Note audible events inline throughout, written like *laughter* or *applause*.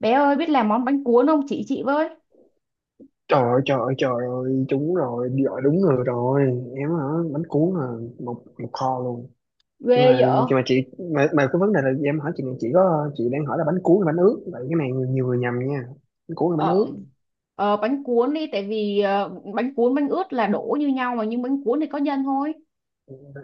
Bé ơi biết làm món bánh cuốn không chị với. Trời ơi, trời ơi, trời ơi, trúng rồi, đi gọi đúng người rồi. Em hả, bánh cuốn là một một kho luôn. Ghê Mà vậy. mà chị mà cái vấn đề là em hỏi chị này, chị đang hỏi là bánh cuốn hay bánh ướt. Vậy cái này nhiều người nhầm nha. Bánh cuốn là bánh Ờ, ướt. ờ, bánh cuốn đi tại vì bánh cuốn bánh ướt là đổ như nhau mà nhưng bánh cuốn thì có nhân thôi.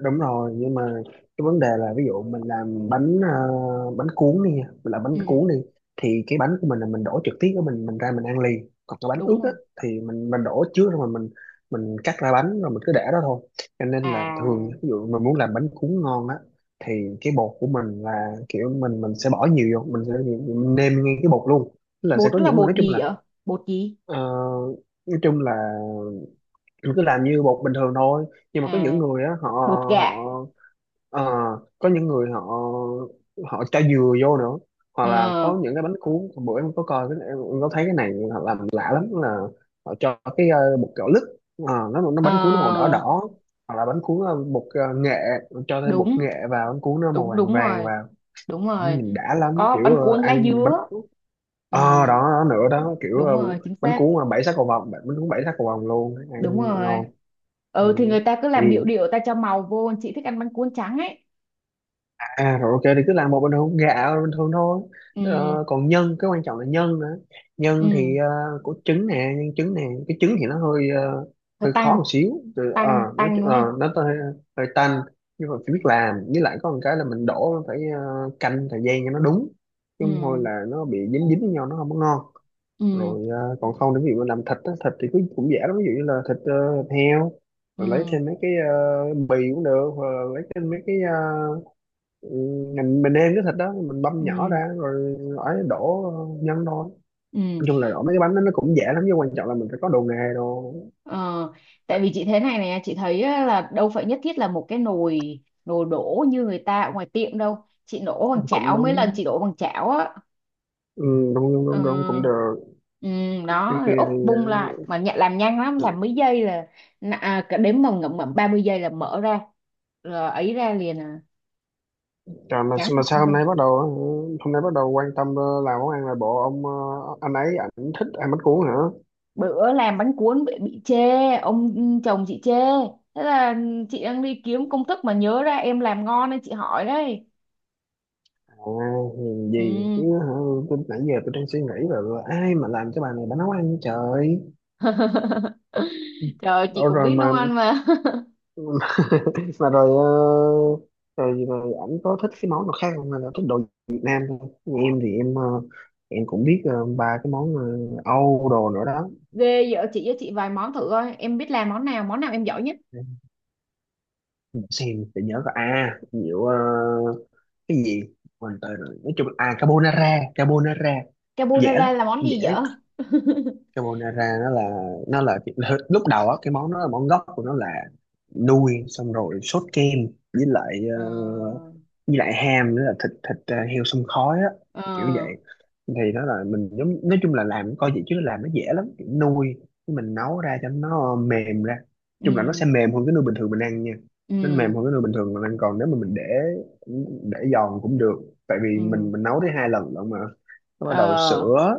Đúng rồi, nhưng mà cái vấn đề là ví dụ mình làm bánh cuốn đi nha, mình làm bánh Ừ, cuốn đi thì cái bánh của mình là mình đổ trực tiếp của mình ra mình ăn liền, còn cái bánh ướt đúng á rồi. thì mình đổ trước rồi, mà mình cắt ra bánh rồi mình cứ để đó thôi. Cho nên là thường À, ví dụ mình muốn làm bánh cuốn ngon á thì cái bột của mình là kiểu mình sẽ bỏ nhiều vô, mình nêm ngay cái bột luôn. Tức là sẽ bột có đó là những người, bột gì vậy? Bột gì? ờ, nói chung là cứ làm như bột bình thường thôi, nhưng mà có những À, người á, họ bột họ gạo. ờ, có những người họ họ cho dừa vô nữa. Hoặc là Ờ, có những cái bánh cuốn. Hôm bữa em có coi cái, em có thấy cái này họ làm lạ lắm, là họ cho bột gạo lứt. Ờ, nó ờ, bánh cuốn nó màu đỏ đỏ, hoặc là bánh cuốn bột nghệ, cho thêm bột đúng nghệ vào bánh cuốn nó màu đúng vàng đúng vàng rồi, vào, đúng rồi. nhìn đã lắm, Có kiểu bánh ờ, cuốn lá ăn. dứa. Ừ, Ờ đó, đó nữa đó, kiểu đúng ờ, rồi, chính bánh xác. cuốn mà bảy sắc cầu vồng, bánh cuốn bảy sắc cầu vồng luôn Đúng ăn rồi. ngon. Ừ. Ừ thì người ta cứ Thì làm điệu điệu, ta cho màu vô. Chị thích ăn bánh cuốn trắng ấy. à rồi, ok, thì cứ làm một bình thường, gạo bình thường thôi. Ừ. Còn nhân, cái quan trọng là nhân nữa. nhân thì Ừ. ờ, có trứng nè, nhân trứng nè. Cái trứng thì Ờ, hơi khó tăng, một xíu. Từ, ờ, tăng nó tăng đúng ờ, không? Nó hơi, hơi tanh, nhưng mà phải biết Ừ. làm, với lại có một cái là mình đổ phải, canh thời gian cho nó đúng, chứ không thôi Ừ. là nó bị dính dính với nhau, nó không có ngon. Ừ. Rồi à, còn không, nếu ví dụ mà làm thịt á, thịt thì cũng, cũng dễ lắm, ví dụ như là thịt heo, Ừ. rồi lấy thêm mấy bì cũng được, hoặc là lấy thêm mấy cái, uh, mình nêm cái thịt đó, mình băm nhỏ Ừ. ra rồi ấy, đổ nhân thôi. Ừ. Nói chung là đổ mấy cái bánh đó nó cũng dễ lắm, nhưng quan trọng là mình phải có đồ nghề đồ. ờ, Tại vì chị thế này này, chị thấy á, là đâu phải nhất thiết là một cái nồi nồi đổ như người ta ở ngoài tiệm đâu. Chị đổ bằng Cũng chảo, mấy lần nóng. chị đổ bằng chảo á. Ừ, đúng đúng đúng đúng, cũng Ờ. được. Ừ. Cái Đó, rồi kia úp thì bung ờ, lại mà nhận, làm nhanh lắm, làm mấy giây là à, cả đếm mà ngậm ngậm 30 giây là mở ra, rồi ấy ra liền à. Trời, mà Tráng mà sao bọng hôm thôi. nay bắt đầu, hôm nay bắt đầu quan tâm, làm món ăn, là bộ ông, anh ấy, ảnh thích ăn bánh cuốn hả? Bữa làm bánh cuốn bị chê. Ông chồng chị chê. Thế là chị đang đi kiếm công thức mà nhớ ra em làm ngon nên chị hỏi đấy. À, nhìn Ừ. gì chứ hả? Tôi nãy giờ tôi đang suy nghĩ là ai mà làm cho bà này, bà nấu ăn vậy trời. *laughs* Trời ơi, chị Ủa cũng rồi biết nấu mà ăn mà. *laughs* *laughs* mà rồi ờ, rồi rồi ảnh có thích cái món nào khác không, hay là thích đồ Việt Nam thôi. Như em thì em cũng biết, ba cái món, Âu đồ nữa đó. Ghê, vợ chị với, chị vài món thử coi em biết làm món nào, món nào em giỏi nhất. Để xem để nhớ có, à nhiều, cái gì, mình tới rồi, nói chung là à, carbonara, carbonara. Dễ lắm, Carbonara là món dễ. gì vợ? *laughs* Carbonara nó là, nó là *laughs* lúc đầu á, cái món nó là món gốc của nó là nuôi xong rồi sốt kem, với lại Ờ. ờ, với lại ham nữa, là thịt thịt ờ, heo xông khói á, kiểu Ờ. vậy. Thì nó là mình giống, nói chung là làm coi vậy chứ làm nó dễ lắm, kiểu nuôi, cái mình nấu ra cho nó mềm ra, chung là nó Ừ. sẽ mềm hơn cái nuôi bình thường mình ăn nha. Nó mềm Ừ. hơn cái nuôi bình thường mình ăn, còn nếu mà mình để giòn cũng được, tại vì mình Ừ. mình nấu tới hai lần lận mà. Nó bắt đầu Ờ. sữa,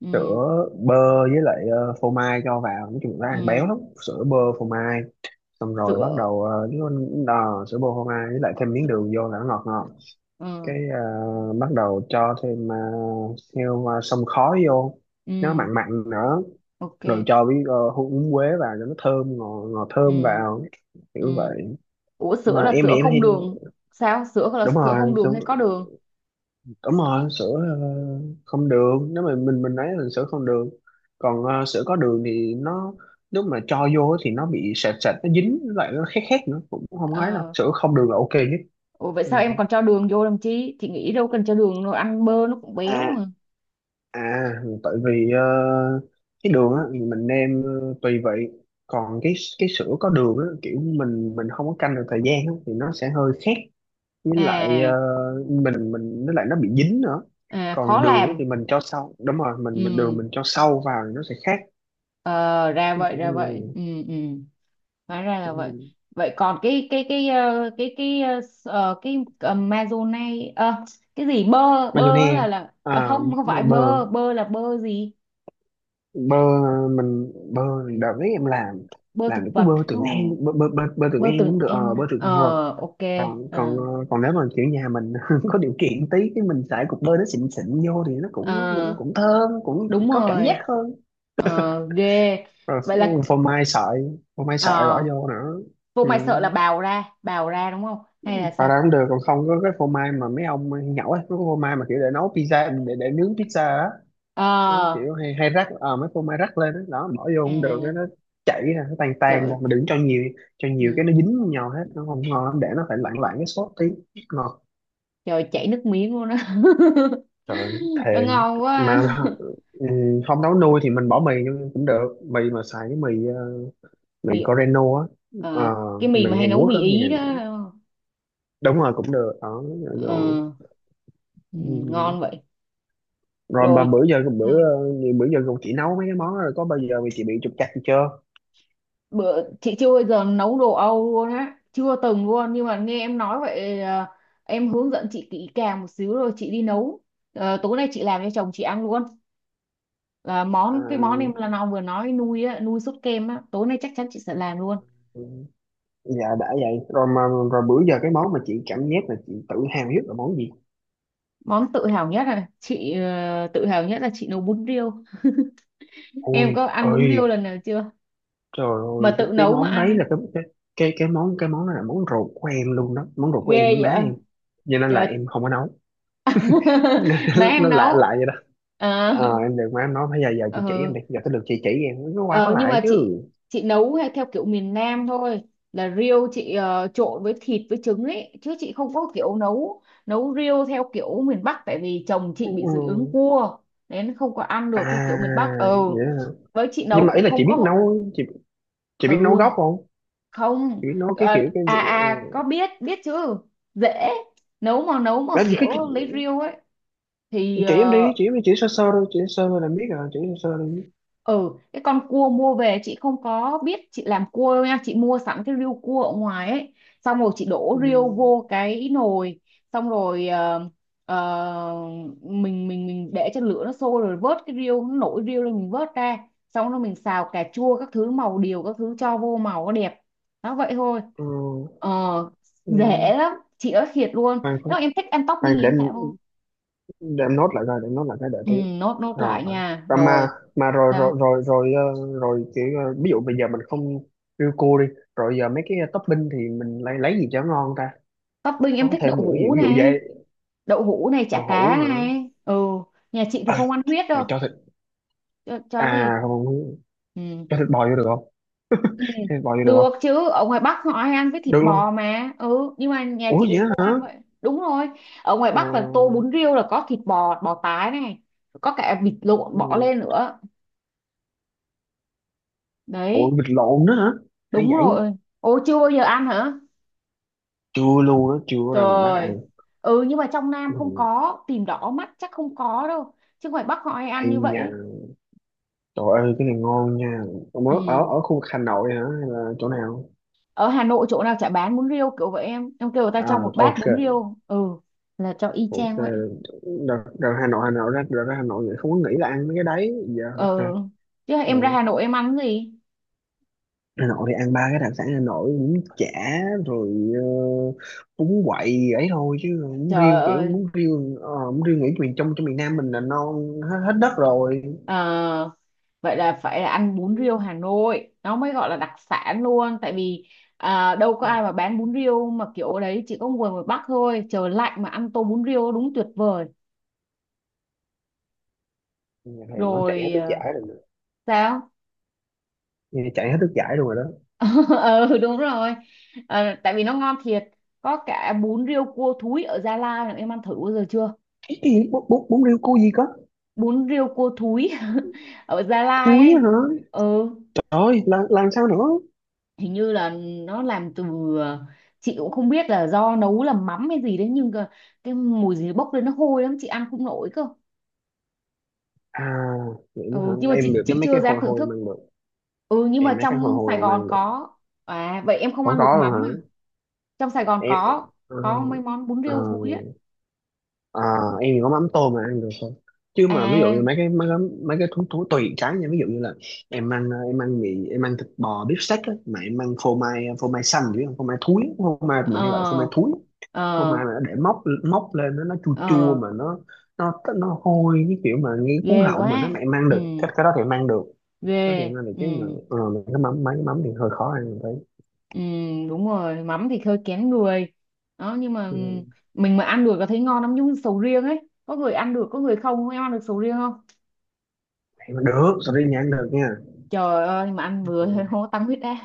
Ừ. sữa bơ, với lại phô mai cho vào, nói chung là ăn béo Ừ. lắm. Sữa bơ phô mai, xong rồi bắt Sữa. đầu nó đò sữa bơ phô mai, với lại thêm miếng Sữa. đường vô là nó ngọt ngọt. Ừ. Bắt đầu cho thêm heo, xông khói vô, nó Ừ. mặn mặn nữa. Ok. Rồi cho với, húng quế vào cho nó thơm, ngọt ngọt thơm Ừ. vào, Ừ. kiểu vậy. Ủa sữa Mà là em sữa thì em không thì, đường? Sao, sữa là đúng sữa rồi, không đường hay có đường? đúng rồi sữa, ờ, không đường. Nếu mà mình lấy là sữa không đường, còn sữa có đường thì nó, lúc mà cho vô thì nó bị sệt sệt, nó dính lại, nó khét khét nữa, cũng không ấy đâu. Ờ. Sữa không đường là ok nhất. Ủa vậy Ừ. sao em còn cho đường vô làm chi, chị nghĩ đâu cần cho đường đâu, ăn bơ nó cũng béo À, mà. à, tại vì cái đường á thì mình nêm, tùy vị. Còn cái sữa có đường á, kiểu mình không có canh được thời gian á, thì nó sẽ hơi khét, với lại À. mình với lại nó bị dính nữa. À, khó Còn đường á làm. thì mình cho sau, đúng rồi, mình đường Ừ. mình cho sâu vào thì nó sẽ khác. Ờ ra Kiểu vậy, ra vậy. như, Ừ. Ừ. Hóa ra là vậy. ừ, Vậy còn cái cái cái cái mazonai, cái gì, bơ, bơ mayonnaise. Là à, À, không, không bơ phải bơ bơ, bơ là bơ gì? bơ, mình bơ, đợt đấy em làm Bơ thực làm những cái vật? bơ Trường An, bơ Trường Bơ An từng cũng được, em bơ à? Trường Vượt. Ờ. Ok. Còn còn ờ, Ờ. còn nếu mà kiểu nhà mình *laughs* có điều kiện tí cái mình xài cục bơ nó xịn xịn vô thì nó cũng cũng Ờ, cũng thơm, cũng, cũng đúng có cảm giác rồi. hơn. Ờ ghê. Rồi Vậy là phô mai sợi, phô mai sợi bỏ ờ. vô nữa. Vụ Ừ, mày sợ là bào ra, bào ra đúng không hay là bà sao? ra cũng được, còn không có cái phô mai mà mấy ông nhậu ấy, có phô mai mà kiểu để nấu pizza, để nướng pizza á, đó, Ờ. kiểu hay, hay rắc mấy phô mai rắc lên đó, đó bỏ vô cũng được, cái À. nó chảy ra, nó tan Trời tan ơi. ra. Mà đừng cho nhiều, cho nhiều cái Ừ. nó dính vô nhau hết, nó không ngon lắm, để nó phải lạng lạng cái sốt tí ngọt. Trời ơi, chảy nước miếng luôn á. Trời *laughs* Nó thèm. ngon Mà quá. *laughs* ừ, không nấu nuôi thì mình bỏ mì vô cũng được, mì mà xài cái mì Mì. Coreno á. Ờ, Ờ, cái mì mì mà hay Hàn nấu Quốc mì á, mì ý đó. Hàn, đúng rồi cũng được ở. Ờ. Rồi, Ừ, ngon vậy. rồi mà Rồi, bữa giờ còn chị nấu mấy cái món đó rồi có bao giờ mà chị bị trục trặc gì chưa? bữa chị chưa bao giờ nấu đồ Âu luôn á, chưa từng luôn, nhưng mà nghe em nói vậy à, em hướng dẫn chị kỹ càng một xíu rồi chị đi nấu. Ờ, tối nay chị làm cho chồng chị ăn luôn, là À, món, cái món em là nó vừa nói, nuôi á, nuôi sốt kem á, tối nay chắc chắn chị sẽ làm luôn. dạ đã vậy rồi mà, rồi bữa giờ cái món mà chị cảm giác là chị tự hào nhất là món gì? Món tự hào nhất là chị tự hào nhất là chị nấu bún riêu. Ôi Em có ăn bún ơi, riêu lần nào chưa, trời mà ơi tự cái nấu mà món ăn đấy á? là cái cái món, cái món đó là món ruột của em luôn đó, món ruột của Ghê em với má vậy. em, cho nên là Trời. em không có nấu. *laughs* Má *laughs* em Nó lạ lạ nấu. vậy đó. À. Ờ, em được má em nói bây giờ, giờ chị chỉ em Ừ. đi, giờ tới lượt chị chỉ em, nó qua có Ờ, nhưng lại mà chứ. chị nấu hay theo kiểu miền Nam thôi, là riêu chị trộn với thịt với trứng ấy, chứ chị không có kiểu nấu nấu riêu theo kiểu miền Bắc, tại vì chồng Ừ. chị bị dị ứng Ừ. cua nên không có ăn được theo kiểu miền À, Bắc. Ừ. vậy hả? Với chị Nhưng nấu mà ý cũng là chị không biết có. nấu, chị biết nấu Ừ. gốc không? Không. Chị biết nấu cái kiểu Ờ, cái à việc, à, có biết, biết chứ. Dễ, nấu mà, nấu mà là gì cứ chị, kiểu lấy riêu ấy thì chỉ em đi, ờ. chỉ em đi, chỉ sơ sơ thôi, chỉ sơ thôi là biết rồi, chỉ sơ sơ đi. Ừ, cái con cua mua về chị không có biết chị làm cua đâu nha, chị mua sẵn cái riêu cua ở ngoài ấy, xong rồi chị Ừ, đổ riêu vô cái nồi, xong rồi ờ, ờ, mình để cho lửa nó sôi rồi vớt cái riêu, nó nổi riêu lên mình vớt ra, xong rồi mình xào cà chua các thứ, màu điều các thứ cho vô màu nó đẹp. Đó, vậy thôi. ừ, Ờ. Dễ ừ. lắm chị ơi, thiệt luôn. Nếu Khoan, khoan, mà em thích ăn topping khoan, thì để em em, tạo vô. để em nốt lại coi, để em nốt lại cái đợi Ừ, tí. nốt, nốt Rồi. lại nha Và rồi. mà rồi Sao? rồi rồi kiểu ví dụ bây giờ mình không, riêu cua đi, rồi giờ mấy cái topping thì mình lấy gì cho ngon ta? Topping em Có thích đậu thêm nữa, hũ ví dụ vậy, này, đậu hũ này, tàu chả cá hũ hả? này. Ừ, nhà chị thì Ờ, không ăn huyết mà đâu. cho thịt, Cho gì? à không, Ừ. cho thịt bò vô được không? *laughs* Ừ. Cho thịt bò vô được Được không? chứ, ở ngoài Bắc họ hay ăn với thịt Được bò luôn, mà, ừ, nhưng mà nhà ủa chị thì vậy đó không ăn hả. vậy. Đúng rồi, ở ngoài Bắc là tô Ờ. bún riêu là có thịt bò, bò tái này, có cả vịt lộn bỏ Ừ. lên nữa. Ủa Đấy. vịt lộn nữa hả? Hay Đúng vậy. rồi. Ô, chưa bao giờ ăn hả? Chưa luôn á, chưa có ra miền Bắc Trời. ăn. Ừ, nhưng mà trong Nam không Ừ. có, tìm đỏ mắt chắc không có đâu, chứ ngoài Bắc họ hay ăn Hay như vậy nha, ấy. trời ơi cái này ngon nha. Ông ở ở Ừ. ở khu vực Hà Nội hả, hay là chỗ nào? Ở Hà Nội chỗ nào chả bán bún riêu kiểu vậy, em kêu người ta À, cho một bát ok, bún riêu. Ừ, là cho y ok. chang vậy. Đợt, đợt Hà Nội, Hà Nội ra, đợt ra Hà Nội vậy không có nghĩ là ăn mấy cái đấy giờ, Ừ. ok. Chứ Dạ. em ra Hà Nội em ăn cái gì? Hà Nội thì ăn ba cái đặc sản Hà Nội, bún chả, rồi uh, bún quậy ấy thôi, chứ bún Trời riêu, kiểu ơi. bún riêu, bún riêu nghĩ miền trong, trong miền Nam mình là non hết, hết đất rồi. Ờ, vậy là phải là ăn bún riêu Hà Nội nó mới gọi là đặc sản luôn. Tại vì à, đâu có ai mà bán bún riêu mà kiểu đấy, chỉ có người ngoài Bắc thôi. Trời lạnh mà ăn tô bún riêu đúng tuyệt vời. Nhà thầy nó chạy hết Rồi nước ờ, giải rồi nè. sao? Nghe chạy hết nước giải luôn rồi đó. *laughs* Ừ đúng rồi. Ờ, tại vì nó ngon thiệt. Có cả bún riêu cua thúi ở Gia Lai này, em ăn thử bao giờ chưa? Cái gì bún, bún riêu cô gì có? Bún riêu cua thúi *laughs* ở Gia Lai Thúi á ấy. hả? Ừ. Trời, làm sao nữa? Hình như là nó làm từ ờ, chị cũng không biết là do nấu là mắm hay gì đấy, nhưng cái mùi gì bốc lên nó hôi lắm chị ăn không nổi cơ. À vậy nữa hả, Ừ nhưng mà em chị được cái chị mấy chưa cái dám hồi thưởng hồi thức. mang được. Ừ, nhưng Em mà mấy cái hồi trong Sài hồi Gòn mang được. có. À, vậy em không có ăn được có luôn mắm à? hả? Trong Sài Gòn Em, có ờ, có mấy món bún ờ, riêu thúi ấy. À, em thì có mắm tôm mà ăn được thôi. Chứ mà ví dụ như À. mấy cái mấy cái thú thú tùy cái nha, ví dụ như là em ăn, em ăn mì, em ăn thịt bò beef steak á, mà em ăn phô mai, phô mai xanh chứ không phô mai thúi, phô mai mình hay gọi là phô mai Ờ. thúi. Ờ. Phô mai mà nó để móc móc lên, nó chua chua, Ờ. mà nó, nó hôi, cái kiểu mà nghe cuốn Ghê họng mình nó, quá. mà em ăn Ừ. được cái đó thì em ăn được. Đó thì Ghê. em ăn được, Ừ. chứ mà mấy cái mắm, mấy cái mắm thì hơi khó ăn, mình thấy. Ừ, đúng rồi, mắm thì hơi kén người. Đó nhưng mà ừ, Ừ, mình mà ăn được là thấy ngon lắm, giống như sầu riêng ấy, có người ăn được có người không. Em ăn được sầu riêng không? em ăn được, sorry nha, ăn được nha. Trời ơi, mà ăn vừa *laughs* thôi Ừ. không có tăng huyết áp.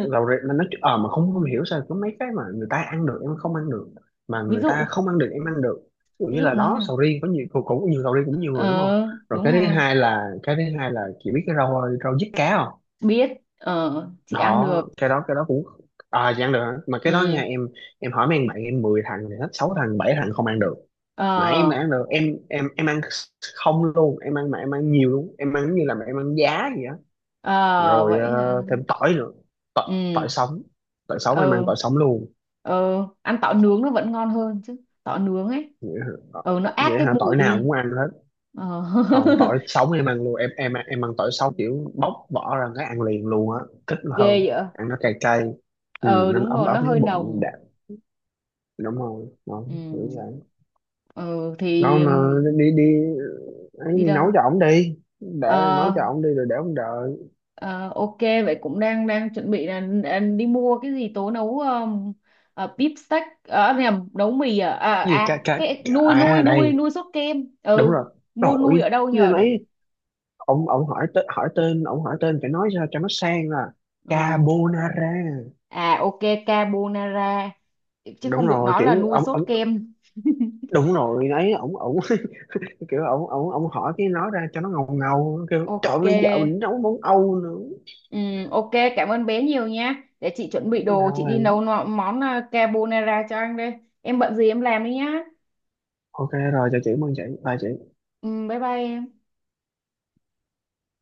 Rau rẹ mà nó mà không, không hiểu sao có mấy cái mà người ta ăn được em không ăn được, mà Ví người ta dụ, không ăn được em ăn được, ví dụ ví như dụ là món đó nào? sầu riêng, có nhiều cũng, cũng nhiều sầu riêng, cũng nhiều người đúng không. Ờ. Rồi cái Đúng thứ rồi, hai là, cái thứ hai là chị biết cái rau rau diếp cá không? biết. Ờ, chị ăn Đó, được. cái đó cũng, à chị ăn được hả? Mà cái đó Ừ. nha em hỏi mấy anh bạn em, 10 thằng thì hết 6 thằng 7 thằng không ăn được, mà em mà Ờ. ăn được, em ăn không luôn, em ăn mà em ăn nhiều luôn, em ăn như là mà em ăn giá vậy á. Ờ Rồi, vậy ờ, hả. thêm tỏi nữa, tỏi, tỏi Ừ. sống, tỏi sống em ăn Ừ. tỏi sống luôn. Ừ, ăn tỏi nướng nó vẫn ngon hơn chứ, tỏi nướng ấy. Vậy hả? Ờ, Ừ, nó át vậy cái hả, mùi tỏi nào đi. cũng ăn hết. Ờ. Còn tỏi *laughs* sống em ăn luôn, em ăn tỏi sống kiểu bóc vỏ ra cái ăn liền luôn á, thích Ghê hơn, vậy. ăn nó cay cay. Ừ, Ờ nó đúng ấm rồi, ấm nó cái hơi bụng nồng. đẹp. Đúng rồi nó, kiểu Ừ. vậy. Ừ thì Nó mà đi đi, ấy đi nấu đâu? cho ổng đi, để Ờ. nấu cho ổng đi rồi để ổng đợi. Ờ, ok, vậy cũng đang đang chuẩn bị là đi mua cái gì tố nấu beef steak, ờ nhầm, nấu mì à, à, Cái gì, ca, à ca, cái nuôi nuôi à nuôi đây, nuôi sốt kem. đúng Ừ, rồi. mua nuôi Đổi ở đâu nhờ để. ấy, ông hỏi tên, hỏi tên, ông hỏi tên phải nói sao cho nó sang, là Ừ. carbonara. À ok. Carbonara. Chứ Đúng không được rồi nói là kiểu nuôi ông sốt ông kem. *laughs* đúng rồi ấy ông *laughs* kiểu ông hỏi cái nói ra cho nó ngầu ngầu, kiểu Ok. trộn lên vợ mình nấu món Âu nữa. Ok, cảm ơn bé nhiều nha, để chị chuẩn bị đồ chị đi nấu Rồi món à, carbonara cho anh đây. Em bận gì em làm đi nhá. ok, rồi chào chị, mừng chị, bye chị. Bye bye em.